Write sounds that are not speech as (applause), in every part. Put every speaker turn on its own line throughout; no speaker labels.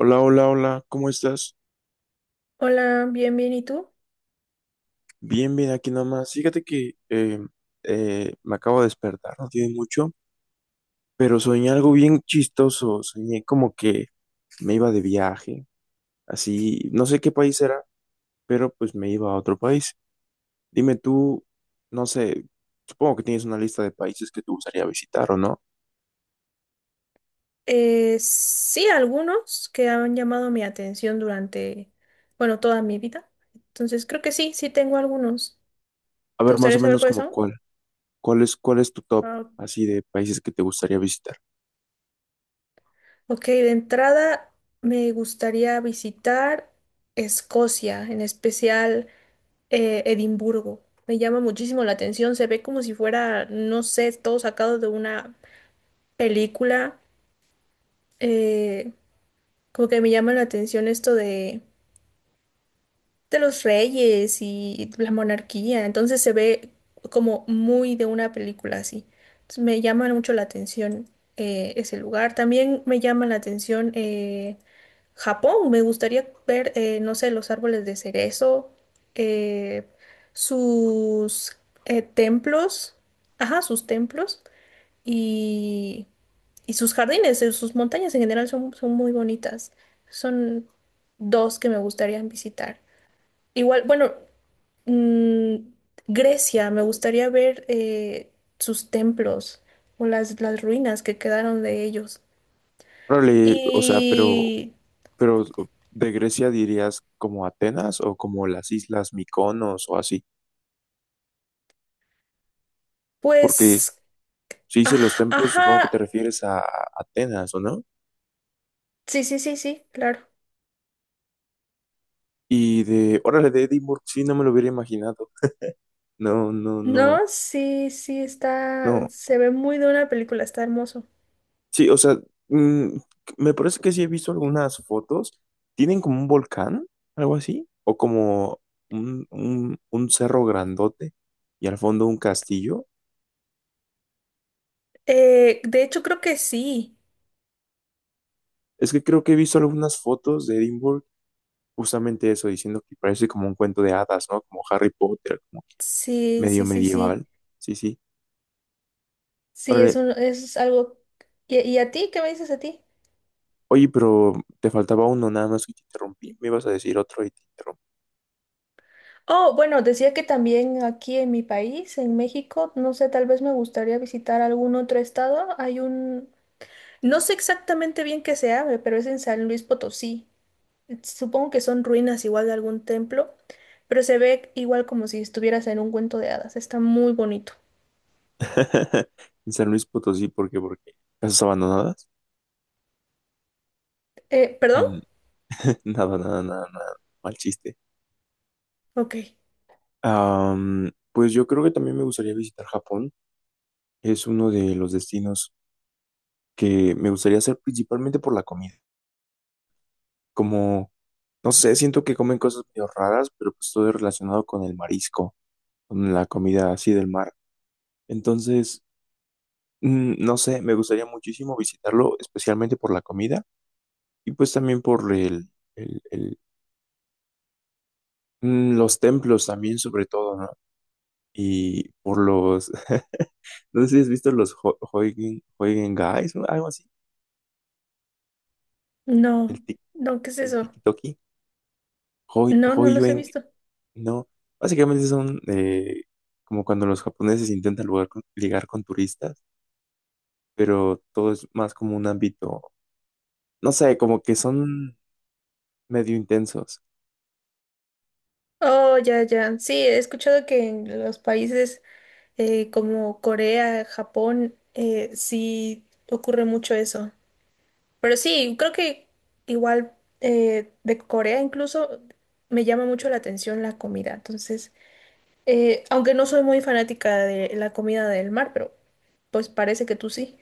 Hola, hola, hola, ¿cómo estás?
Hola, bien, bien, ¿y tú?
Bien, bien, aquí nada más. Fíjate que me acabo de despertar, no tiene mucho, pero soñé algo bien chistoso. Soñé como que me iba de viaje, así, no sé qué país era, pero pues me iba a otro país. Dime tú, no sé, supongo que tienes una lista de países que te gustaría visitar, ¿o no?
Sí, algunos que han llamado mi atención durante, bueno, toda mi vida. Entonces, creo que sí, sí tengo algunos.
A
¿Te
ver, más
gustaría
o
saber
menos
cuáles
como
son?
cuál, cuál es tu top,
Ah,
así de países que te gustaría visitar.
ok, de entrada me gustaría visitar Escocia, en especial Edimburgo. Me llama muchísimo la atención, se ve como si fuera, no sé, todo sacado de una película. Eh, Como que me llama la atención esto de los reyes y la monarquía, entonces se ve como muy de una película así. Entonces me llama mucho la atención ese lugar. También me llama la atención Japón. Me gustaría ver, no sé, los árboles de cerezo, eh, sus templos, ajá, sus templos y, y sus jardines, sus montañas en general son, son muy bonitas. Son dos que me gustaría visitar. Igual, bueno, mm, Grecia, me gustaría ver sus templos o las ruinas que quedaron de ellos.
Órale, o sea, pero...
Y
Pero de Grecia dirías como Atenas o como las islas Mykonos o así, porque
pues,
si dices los templos, supongo que te
ajá,
refieres a Atenas, ¿o no?
sí, sí, sí, sí, claro.
Y de, órale, de Edimburgo, sí, no me lo hubiera imaginado. No, no, no,
No, sí, sí, está,
no.
se ve muy de una película, está hermoso.
Sí, o sea, mm, me parece que sí he visto algunas fotos. Tienen como un volcán, algo así, o como un cerro grandote y al fondo un castillo.
De hecho, creo que sí,
Es que creo que he visto algunas fotos de Edimburgo. Justamente eso, diciendo que parece como un cuento de hadas, ¿no? Como Harry Potter, como que
sí,
medio
sí, sí, sí,
medieval. Sí, sí.
sí, es,
Órale.
es algo. Y a ti? ¿Qué me dices a ti?
Oye, pero te faltaba uno, nada más que te interrumpí. Me ibas a decir otro y te interrumpí.
Oh, bueno, decía que también aquí en mi país, en México, no sé, tal vez me gustaría visitar algún otro estado. Hay un, no sé exactamente bien qué se abre, pero es en San Luis Potosí. Supongo que son ruinas igual de algún templo, pero se ve igual como si estuvieras en un cuento de hadas. Está muy bonito.
(laughs) En San Luis Potosí, ¿por qué? Porque casas abandonadas.
¿Perdón?
En- (laughs) Nada, nada, nada, nada. Mal chiste.
Ok.
Pues yo creo que también me gustaría visitar Japón. Es uno de los destinos que me gustaría hacer principalmente por la comida. Como, no sé, siento que comen cosas medio raras, pero pues todo es relacionado con el marisco, con la comida así del mar. Entonces, no sé, me gustaría muchísimo visitarlo, especialmente por la comida y pues también por el- el- los templos también, sobre todo, ¿no? Y por los, (laughs) no sé si has visto los Huygen, Huygen Guys o algo así, el,
No,
tic-
no, ¿qué es
el
eso?
Tiki-Toki,
No, no los he
Huiyuan,
visto.
¿no? Básicamente son como cuando los japoneses intentan ligar con turistas, pero todo es más como un ámbito, no sé, como que son medio intensos.
Oh, ya, ya. Sí, he escuchado que en los países como Corea, Japón, sí ocurre mucho eso. Pero sí, creo que igual de Corea incluso me llama mucho la atención la comida. Entonces, aunque no soy muy fanática de la comida del mar, pero pues parece que tú sí.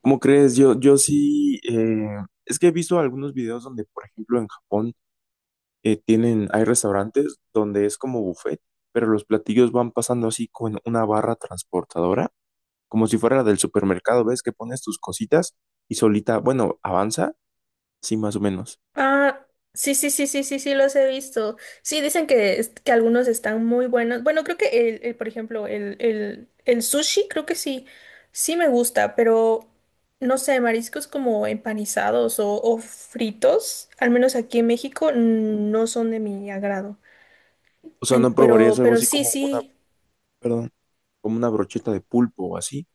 ¿Cómo crees? Yo sí, es que he visto algunos videos donde, por ejemplo, en Japón hay restaurantes donde es como buffet, pero los platillos van pasando así con una barra transportadora, como si fuera la del supermercado, ¿ves? Que pones tus cositas y solita, bueno, avanza, sí, más o menos.
Ah, sí, sí, sí, sí, sí, sí, los he visto. Sí, dicen que, que algunos están muy buenos. Bueno, creo que por ejemplo, el sushi, creo que sí, sí me gusta, pero no sé, mariscos como empanizados o fritos, al menos aquí en México, no son de mi agrado.
O sea, no probarías
Pero,
algo
pero
así
sí,
como una,
sí,
perdón, como una brocheta de pulpo o así,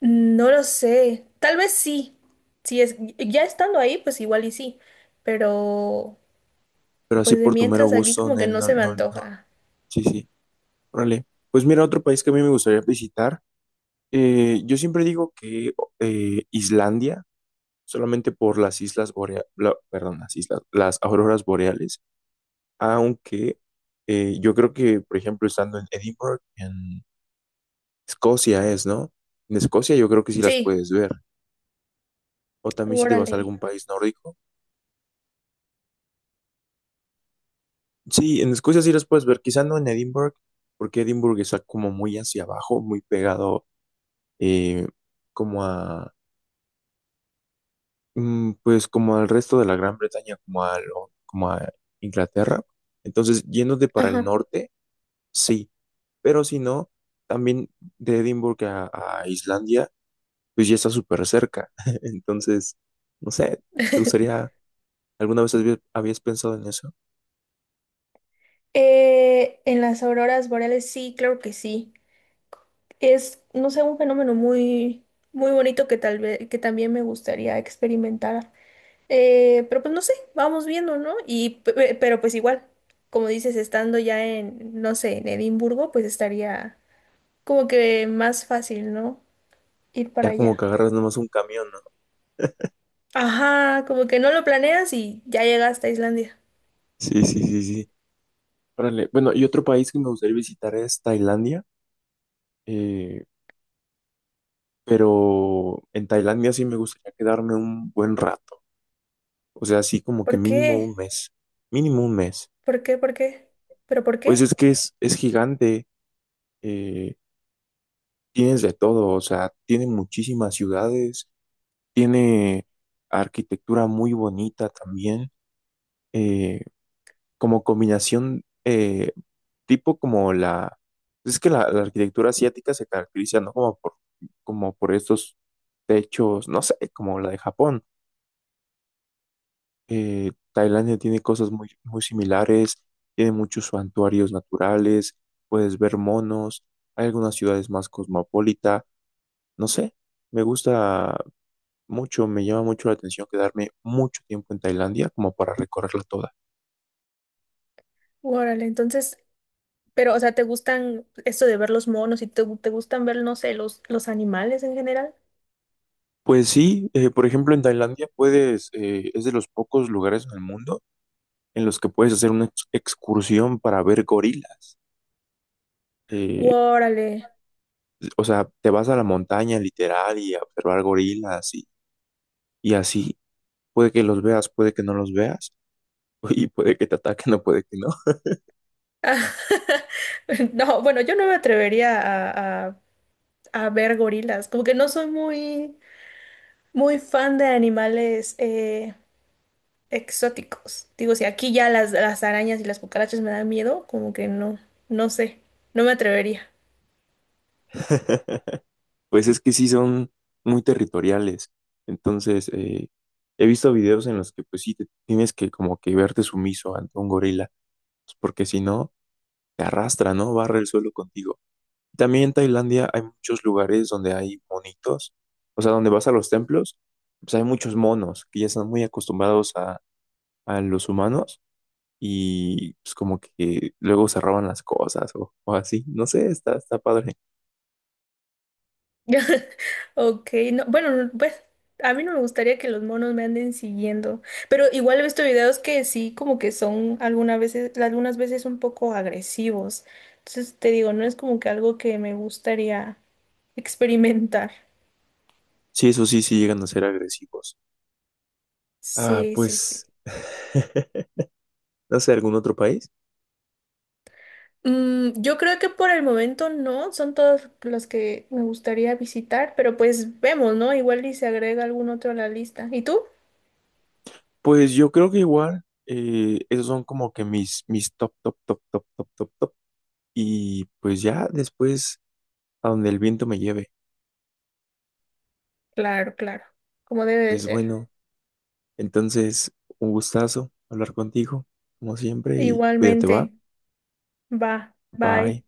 no lo sé. Tal vez sí. Si es, ya estando ahí, pues igual y sí. Pero,
pero así
pues de
por tu mero
mientras aquí
gusto,
como que
Nel,
no
no,
se me
no, no,
antoja.
sí, sí, órale. Pues mira, otro país que a mí me gustaría visitar. Yo siempre digo que Islandia, solamente por las islas boreales, perdón, las islas, las auroras boreales, aunque yo creo que, por ejemplo, estando en Edinburgh, en Escocia es, ¿no? En Escocia yo creo que sí las
Sí.
puedes ver. O también si te vas a
Órale.
algún país nórdico. Sí, en Escocia sí las puedes ver, quizá no en Edinburgh, porque Edinburgh está como muy hacia abajo, muy pegado eh, como a... Pues como al resto de la Gran Bretaña, como a, como a Inglaterra. Entonces, yéndote para el
Ajá.
norte, sí, pero si no, también de Edimburgo a Islandia, pues ya está súper cerca. (laughs) Entonces, no sé, ¿te
(laughs)
gustaría, alguna vez habías pensado en eso?
En las auroras boreales sí, claro que sí. Es, no sé, un fenómeno muy, muy bonito que tal vez, que también me gustaría experimentar. Pero pues no sé, vamos viendo, ¿no? Y, pero pues igual, como dices, estando ya en, no sé, en Edimburgo, pues estaría como que más fácil, ¿no? Ir para
Ya como que
allá.
agarras nomás un camión, ¿no?
Ajá, como que no lo planeas y ya llegaste a Islandia.
Sí, sí, sí, sí. Órale. Bueno, y otro país que me gustaría visitar es Tailandia, eh, pero en Tailandia sí me gustaría quedarme un buen rato. O sea, así como que
¿Por
mínimo
qué?
un mes, mínimo un mes.
¿Por qué? ¿Por qué? ¿Pero por
Pues
qué?
es que es gigante, eh, tienes de todo, o sea, tiene muchísimas ciudades, tiene arquitectura muy bonita también, eh, como combinación, tipo como la... Es que la arquitectura asiática se caracteriza, ¿no? Como por, como por estos techos, no sé, como la de Japón. Tailandia tiene cosas muy, muy similares, tiene muchos santuarios naturales, puedes ver monos, hay algunas ciudades más cosmopolita, no sé, me gusta mucho, me llama mucho la atención quedarme mucho tiempo en Tailandia como para recorrerla toda.
Órale, entonces, pero, o sea, ¿te gustan esto de ver los monos y te gustan ver, no sé, los animales en general?
Pues sí, por ejemplo, en Tailandia puedes, es de los pocos lugares en el mundo en los que puedes hacer una excursión para ver gorilas. Eh,
Órale.
o sea, te vas a la montaña literal y a observar gorilas y así. Puede que los veas, puede que no los veas, (laughs) y puede que te ataquen o puede que no.
Ah, (laughs) no, bueno, yo no me atrevería a, a ver gorilas, como que no soy muy, muy fan de animales exóticos. Digo, si aquí ya las arañas y las cucarachas me dan miedo, como que no, no sé, no me atrevería.
(laughs) Pues es que sí son muy territoriales. Entonces, he visto videos en los que pues sí te tienes que como que verte sumiso ante un gorila, pues, porque si no, te arrastra, ¿no? Barre el suelo contigo. También en Tailandia hay muchos lugares donde hay monitos, o sea, donde vas a los templos, pues hay muchos monos que ya están muy acostumbrados a los humanos y pues como que luego se roban las cosas o así. No sé, está, está padre.
(laughs) Ok, no, bueno, no, pues a mí no me gustaría que los monos me anden siguiendo, pero igual he visto videos que sí, como que son algunas veces un poco agresivos. Entonces te digo, no es como que algo que me gustaría experimentar.
Sí, eso sí, sí llegan a ser agresivos. Ah,
Sí, sí, sí.
pues, (laughs) no sé, ¿algún otro país?
Yo creo que por el momento no, son todos los que me gustaría visitar, pero pues vemos, ¿no? Igual y se agrega algún otro a la lista. ¿Y tú?
Pues yo creo que igual, esos son como que mis, mis top, top, top, top, top, top, top. Y pues ya después, a donde el viento me lleve.
Claro, claro, como debe de
Pues
ser.
bueno, entonces, un gustazo hablar contigo, como siempre, y cuídate, va.
Igualmente. Va,
Bye.
bye.